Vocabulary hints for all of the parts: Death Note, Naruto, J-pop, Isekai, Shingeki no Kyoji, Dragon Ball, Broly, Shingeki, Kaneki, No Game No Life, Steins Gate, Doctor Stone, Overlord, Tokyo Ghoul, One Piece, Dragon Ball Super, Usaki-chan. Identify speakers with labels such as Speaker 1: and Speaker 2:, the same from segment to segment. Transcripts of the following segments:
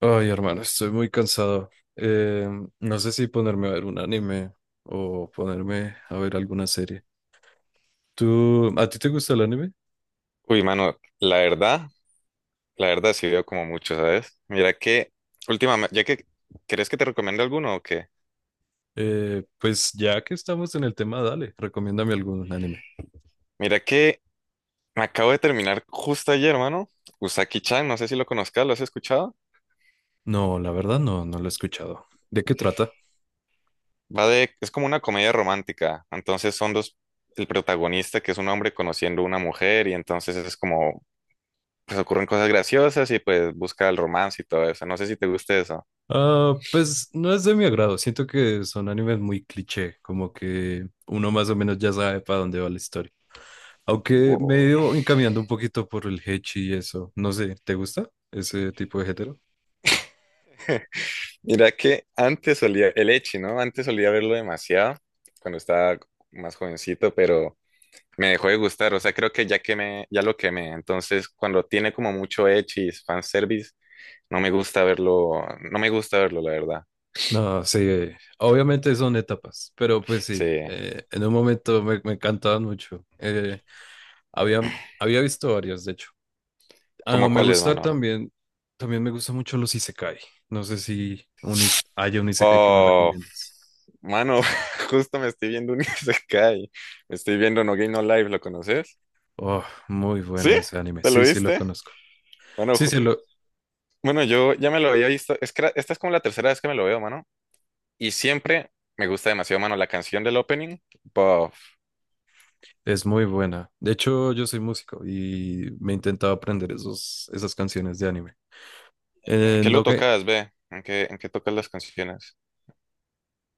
Speaker 1: Ay, hermano, estoy muy cansado. Eh, no sé si ponerme a ver un anime o ponerme a ver alguna serie. ¿Tú, a ti te gusta el anime?
Speaker 2: Uy, mano, la verdad sí veo como mucho, ¿sabes? Mira que, últimamente, ya que, ¿querés que te recomiende alguno o qué?
Speaker 1: Pues ya que estamos en el tema, dale, recomiéndame algún anime.
Speaker 2: Mira que me acabo de terminar justo ayer, mano, Usaki-chan, no sé si lo conozcas, ¿lo has escuchado?
Speaker 1: No, la verdad no, lo he escuchado. ¿De qué trata?
Speaker 2: Va de, es como una comedia romántica, entonces son dos, el protagonista que es un hombre conociendo a una mujer y entonces es como, pues ocurren cosas graciosas y pues busca el romance y todo eso, no sé si te gusta eso.
Speaker 1: Ah, pues no es de mi agrado. Siento que son animes muy cliché, como que uno más o menos ya sabe para dónde va la historia. Aunque me he ido encaminando un poquito por el hechi y eso. No sé, ¿te gusta ese tipo de género?
Speaker 2: Mira que antes solía, el Echi, ¿no? Antes solía verlo demasiado cuando estaba más jovencito, pero me dejó de gustar. O sea, creo que ya quemé, ya lo quemé. Entonces, cuando tiene como mucho Echi, fanservice, no me gusta verlo, la verdad.
Speaker 1: No, sí, obviamente son etapas, pero pues
Speaker 2: Sí.
Speaker 1: sí, en un momento me encantaban mucho. Había, había visto varias, de hecho. Ah,
Speaker 2: ¿Cómo
Speaker 1: me
Speaker 2: cuáles,
Speaker 1: gusta
Speaker 2: mano?
Speaker 1: también, también me gustan mucho los isekai. No sé si hay un isekai que me
Speaker 2: Oh,
Speaker 1: recomiendas.
Speaker 2: mano, justo me estoy viendo un Isekai. Estoy viendo No Game No Life, ¿lo conoces?
Speaker 1: Oh, muy
Speaker 2: ¿Sí?
Speaker 1: bueno ese anime.
Speaker 2: ¿Te lo
Speaker 1: Sí, sí, lo
Speaker 2: viste?
Speaker 1: conozco.
Speaker 2: Bueno,
Speaker 1: Sí, sí,
Speaker 2: bueno, yo ya me lo había visto. Es que esta es como la tercera vez que me lo veo, mano. Y siempre me gusta demasiado, mano, la canción del opening. Bof.
Speaker 1: es muy buena. De hecho, yo soy músico y me intentaba aprender esas canciones de anime.
Speaker 2: ¿En qué lo
Speaker 1: No, que-
Speaker 2: tocas, ve? ¿En qué tocas las canciones?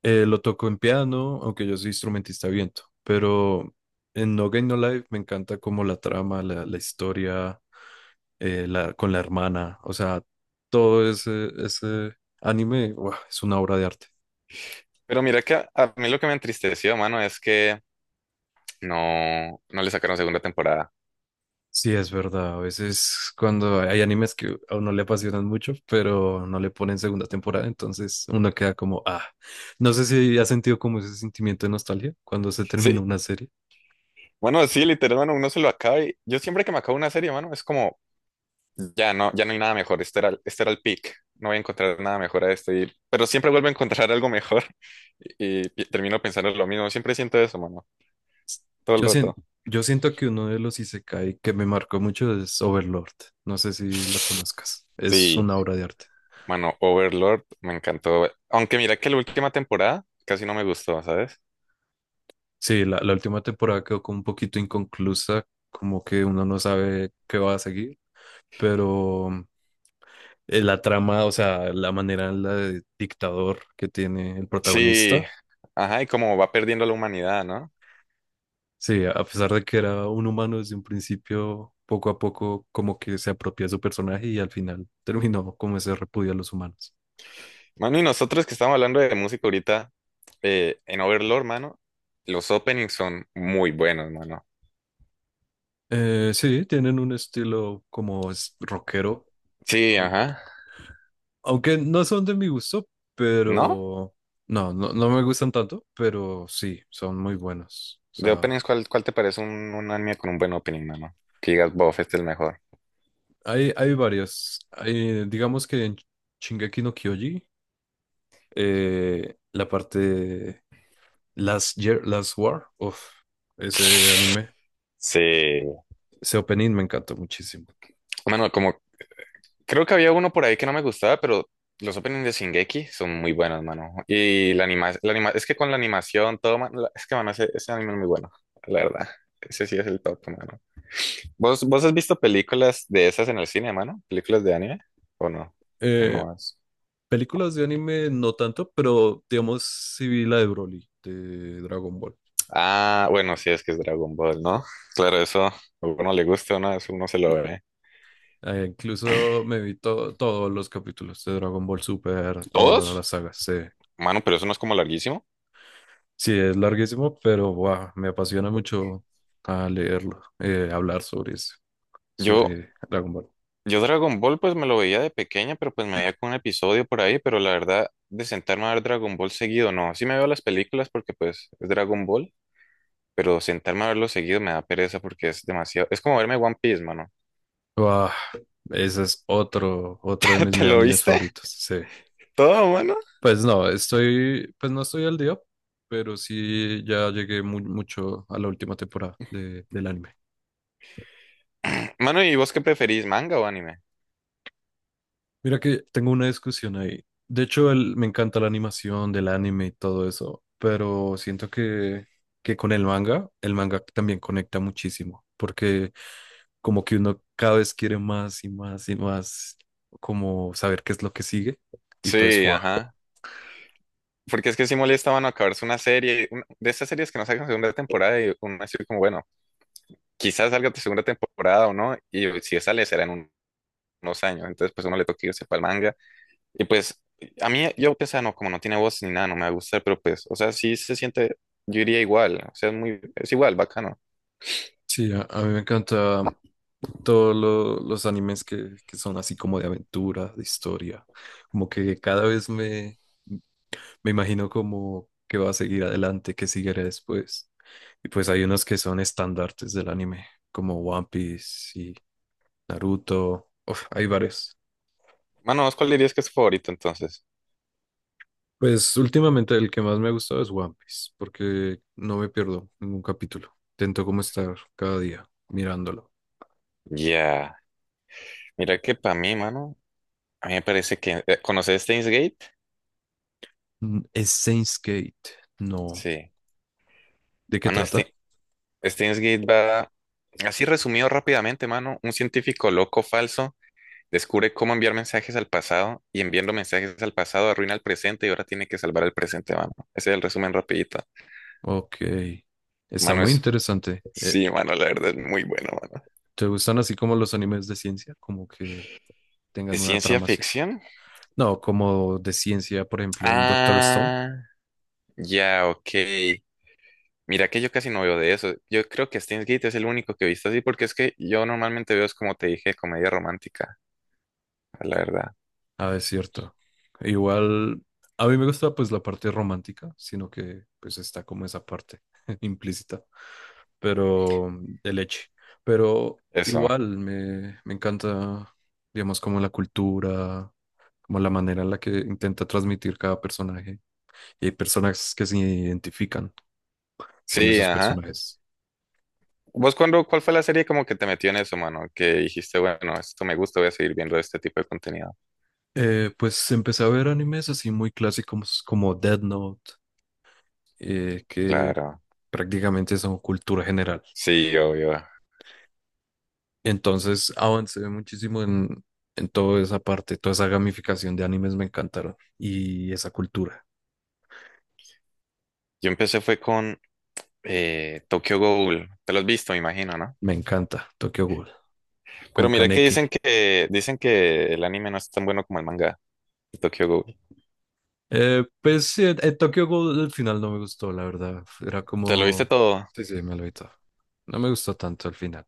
Speaker 1: Lo toco en piano, aunque yo soy instrumentista de viento, pero en No Game No Life me encanta como la trama, la historia, con la hermana, o sea, todo ese, ese anime, ¡guau!, es una obra de arte.
Speaker 2: Pero mira que a mí lo que me entristeció, mano, es que no le sacaron segunda temporada.
Speaker 1: Sí, es verdad, a veces cuando hay animes que a uno le apasionan mucho, pero no le ponen segunda temporada, entonces uno queda como, ah, no sé si ha sentido como ese sentimiento de nostalgia cuando se termina
Speaker 2: Sí,
Speaker 1: una serie.
Speaker 2: bueno, sí, literal, mano, uno se lo acaba y yo siempre que me acabo una serie, mano, es como, ya no, ya no hay nada mejor, este era, este era el peak, no voy a encontrar nada mejor a esto, pero siempre vuelvo a encontrar algo mejor y termino pensando lo mismo, siempre siento eso, mano, todo el
Speaker 1: Yo
Speaker 2: rato.
Speaker 1: siento, yo siento que uno de los isekai que me marcó mucho es Overlord. No sé si lo conozcas. Es
Speaker 2: Sí.
Speaker 1: una obra de arte.
Speaker 2: Mano, Overlord me encantó. Aunque mira que la última temporada casi no me gustó, ¿sabes?
Speaker 1: Sí, la última temporada quedó como un poquito inconclusa, como que uno no sabe qué va a seguir, pero la trama, o sea, la manera en la de dictador que tiene el
Speaker 2: Sí,
Speaker 1: protagonista,
Speaker 2: ajá, y como va perdiendo la humanidad, ¿no?
Speaker 1: sí, a pesar de que era un humano desde un principio, poco a poco como que se apropia de su personaje y al final terminó como ese repudio a los humanos.
Speaker 2: Mano, y nosotros que estamos hablando de música ahorita, en Overlord, mano, los openings son muy buenos, mano.
Speaker 1: Sí, tienen un estilo como rockero,
Speaker 2: Sí,
Speaker 1: au-
Speaker 2: ajá.
Speaker 1: aunque no son de mi gusto,
Speaker 2: ¿No?
Speaker 1: pero no, no, no me gustan tanto, pero sí, son muy buenos. O
Speaker 2: De
Speaker 1: sea,
Speaker 2: openings, ¿cuál te parece un anime con un buen opening, mano? Que digas, bof, este es el mejor.
Speaker 1: hay varios. Hay, digamos que en Shingeki no Kyoji, la parte Last Year, Last War, uf, ese anime,
Speaker 2: Sí.
Speaker 1: ese opening me encantó muchísimo.
Speaker 2: Mano, como creo que había uno por ahí que no me gustaba, pero los openings de Shingeki son muy buenos, mano. Y es que con la animación, todo, es que, mano, ese anime es muy bueno, la verdad. Ese sí es el top, mano. ¿Vos has visto películas de esas en el cine, mano? ¿Películas de anime? ¿O no? ¿O
Speaker 1: Eh,
Speaker 2: no has?
Speaker 1: Películas de anime no tanto, pero digamos sí vi la de Broly, de Dragon Ball.
Speaker 2: Ah, bueno, sí, es que es Dragon Ball, ¿no? Claro, eso a uno le gusta, ¿no? Eso uno se lo ve.
Speaker 1: Incluso me vi todos los capítulos de Dragon Ball Super, todas
Speaker 2: ¿Todos?
Speaker 1: las sagas. Sí,
Speaker 2: Mano, pero eso no es como larguísimo.
Speaker 1: sí es larguísimo, pero guau, me apasiona mucho a leerlo, hablar sobre eso,
Speaker 2: Yo,
Speaker 1: sobre Dragon Ball.
Speaker 2: Yo Dragon Ball pues me lo veía de pequeña, pero pues me veía con un episodio por ahí, pero la verdad de sentarme a ver Dragon Ball seguido, no, sí me veo las películas porque pues es Dragon Ball, pero sentarme a verlo seguido me da pereza porque es demasiado, es como verme One Piece, mano.
Speaker 1: Guau, ese es otro, otro de mis
Speaker 2: ¿Te
Speaker 1: me-
Speaker 2: lo
Speaker 1: animes
Speaker 2: viste?
Speaker 1: favoritos. Sí.
Speaker 2: Todo, mano.
Speaker 1: Pues no estoy al día, pero sí ya llegué mucho a la última temporada del anime.
Speaker 2: Mano, ¿y vos qué preferís, manga o anime?
Speaker 1: Mira que tengo una discusión ahí. De hecho, me encanta la animación del anime y todo eso, pero siento que con el manga también conecta muchísimo, porque como que uno cada vez quiere más y más y más, como saber qué es lo que sigue. Y pues,
Speaker 2: Sí,
Speaker 1: wow.
Speaker 2: ajá. Porque es que sí molesta, mano, acabarse una serie, de estas series que no sacan segunda temporada y uno así como, bueno, quizás salga tu segunda temporada o no, y si sale será en unos años, entonces pues uno le toca irse para el manga. Y pues, a mí, yo que sea, no, como no tiene voz ni nada, no me va a gustar, pero pues, o sea, sí se siente, yo diría igual, o sea, es muy, es igual, bacano.
Speaker 1: Sí, a mí me encanta todos los animes que son así como de aventura, de historia, como que cada vez me, me imagino como que va a seguir adelante, que seguirá después. Y pues hay unos que son estandartes del anime, como One Piece y Naruto. Uf, hay varios.
Speaker 2: Mano, ¿vos cuál dirías que es tu favorito entonces?
Speaker 1: Pues últimamente el que más me ha gustado es One Piece, porque no me pierdo ningún capítulo. Intento como estar cada día mirándolo.
Speaker 2: Ya, mira que para mí, mano, a mí me parece que, ¿conoces Steins Gate?
Speaker 1: Mm, ¿es Saints Gate? No.
Speaker 2: Sí.
Speaker 1: ¿De qué
Speaker 2: Mano,
Speaker 1: trata?
Speaker 2: este Steins Gate va, así resumido rápidamente, mano, un científico loco falso descubre cómo enviar mensajes al pasado y enviando mensajes al pasado arruina el presente y ahora tiene que salvar el presente, mano. Ese es el resumen rapidito.
Speaker 1: Ok, está
Speaker 2: Mano,
Speaker 1: muy
Speaker 2: es
Speaker 1: interesante.
Speaker 2: sí, mano, la verdad es muy bueno, mano.
Speaker 1: ¿Te gustan así como los animes de ciencia? Como que
Speaker 2: ¿De
Speaker 1: tengan una
Speaker 2: ciencia
Speaker 1: trama así.
Speaker 2: ficción?
Speaker 1: No, como de ciencia, por ejemplo, un Doctor Stone.
Speaker 2: Ah, ya, ok. Mira que yo casi no veo de eso. Yo creo que Steins Gate es el único que he visto así, porque es que yo normalmente veo, es como te dije, comedia romántica, la verdad.
Speaker 1: Ah, es cierto. Igual, a mí me gusta pues la parte romántica, sino que pues está como esa parte implícita, pero mm, de leche. Pero
Speaker 2: Eso.
Speaker 1: igual me encanta, digamos, como la cultura, como la manera en la que intenta transmitir cada personaje. Y hay personas que se identifican con
Speaker 2: Sí,
Speaker 1: esos
Speaker 2: ajá.
Speaker 1: personajes.
Speaker 2: ¿Vos cuándo, cuál fue la serie como que te metió en eso, mano? Que dijiste, bueno, esto me gusta, voy a seguir viendo este tipo de contenido.
Speaker 1: Pues empecé a ver animes así muy clásicos como Death Note, que
Speaker 2: Claro.
Speaker 1: prácticamente son cultura general.
Speaker 2: Sí, obvio.
Speaker 1: Entonces avancé muchísimo en toda esa parte, toda esa gamificación de animes me encantaron y esa cultura.
Speaker 2: Yo empecé fue con Tokyo Ghoul. Te lo has visto, me imagino, ¿no?
Speaker 1: Me encanta Tokyo Ghoul
Speaker 2: Pero
Speaker 1: con
Speaker 2: mira que
Speaker 1: Kaneki.
Speaker 2: dicen que el anime no es tan bueno como el manga de Tokyo Ghoul.
Speaker 1: Pues sí, Tokyo Ghoul al final no me gustó, la verdad. Era
Speaker 2: ¿Te lo viste
Speaker 1: como...
Speaker 2: todo?
Speaker 1: Sí, sí, me lo evitó. No me gustó tanto al final.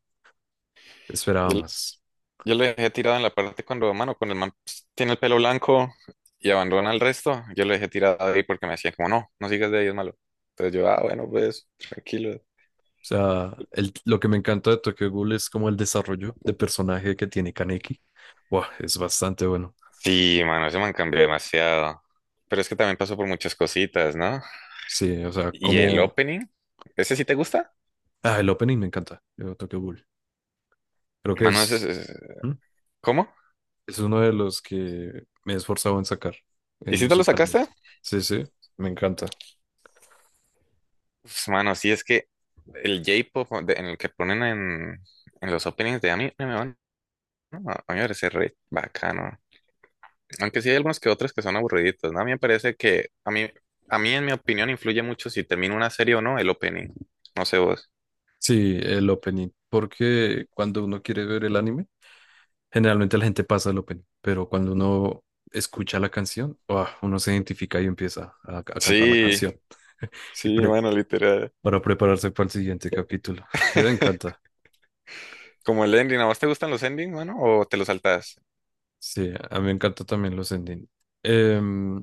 Speaker 1: Esperaba
Speaker 2: Yo,
Speaker 1: más.
Speaker 2: yo lo dejé tirado en la parte cuando, mano, cuando el man pues, tiene el pelo blanco y abandona el resto, yo lo dejé tirado ahí porque me decían como, no, no sigas de ahí, es malo. Entonces yo, ah, bueno, pues, tranquilo.
Speaker 1: O sea, lo que me encanta de Tokyo Ghoul es como el desarrollo de personaje que tiene Kaneki. Buah, es bastante bueno.
Speaker 2: Sí, mano, ese man cambió demasiado. Pero es que también pasó por muchas cositas, ¿no?
Speaker 1: Sí, o sea,
Speaker 2: ¿Y el
Speaker 1: como...
Speaker 2: opening? ¿Ese sí te gusta?
Speaker 1: Ah, el opening me encanta de Tokyo Ghoul. Creo que
Speaker 2: Mano, ese
Speaker 1: es...
Speaker 2: es...
Speaker 1: ¿Mm?
Speaker 2: ¿Cómo?
Speaker 1: Es uno de los que me he esforzado en sacar
Speaker 2: ¿Y si te lo sacaste?
Speaker 1: musicalmente. Sí, sí, me encanta.
Speaker 2: Pues, mano, sí es que el J-pop en el que ponen en los openings de anime, mano, a mí me parece re bacano. Aunque sí hay algunos que otros que son aburriditos, ¿no? A mí me parece que, a mí en mi opinión, influye mucho si termina una serie o no el opening. No sé vos.
Speaker 1: Sí, el opening. Porque cuando uno quiere ver el anime, generalmente la gente pasa el opening, pero cuando uno escucha la canción, ¡ah!, uno se identifica y empieza a cantar la
Speaker 2: Sí,
Speaker 1: canción y
Speaker 2: sí,
Speaker 1: pre-
Speaker 2: mano, literal.
Speaker 1: para prepararse para el siguiente capítulo. Me encanta.
Speaker 2: Como el ending, ¿a vos te gustan los endings, mano? ¿O te los saltás?
Speaker 1: Sí, a mí me encanta también los ending. Em,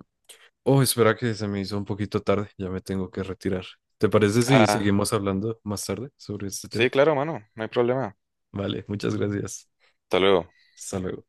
Speaker 1: oh, espera que se me hizo un poquito tarde, ya me tengo que retirar. ¿Te parece si
Speaker 2: Ah,
Speaker 1: seguimos hablando más tarde sobre este tema?
Speaker 2: sí, claro, mano, no hay problema.
Speaker 1: Vale, muchas gracias.
Speaker 2: Hasta luego.
Speaker 1: Hasta luego.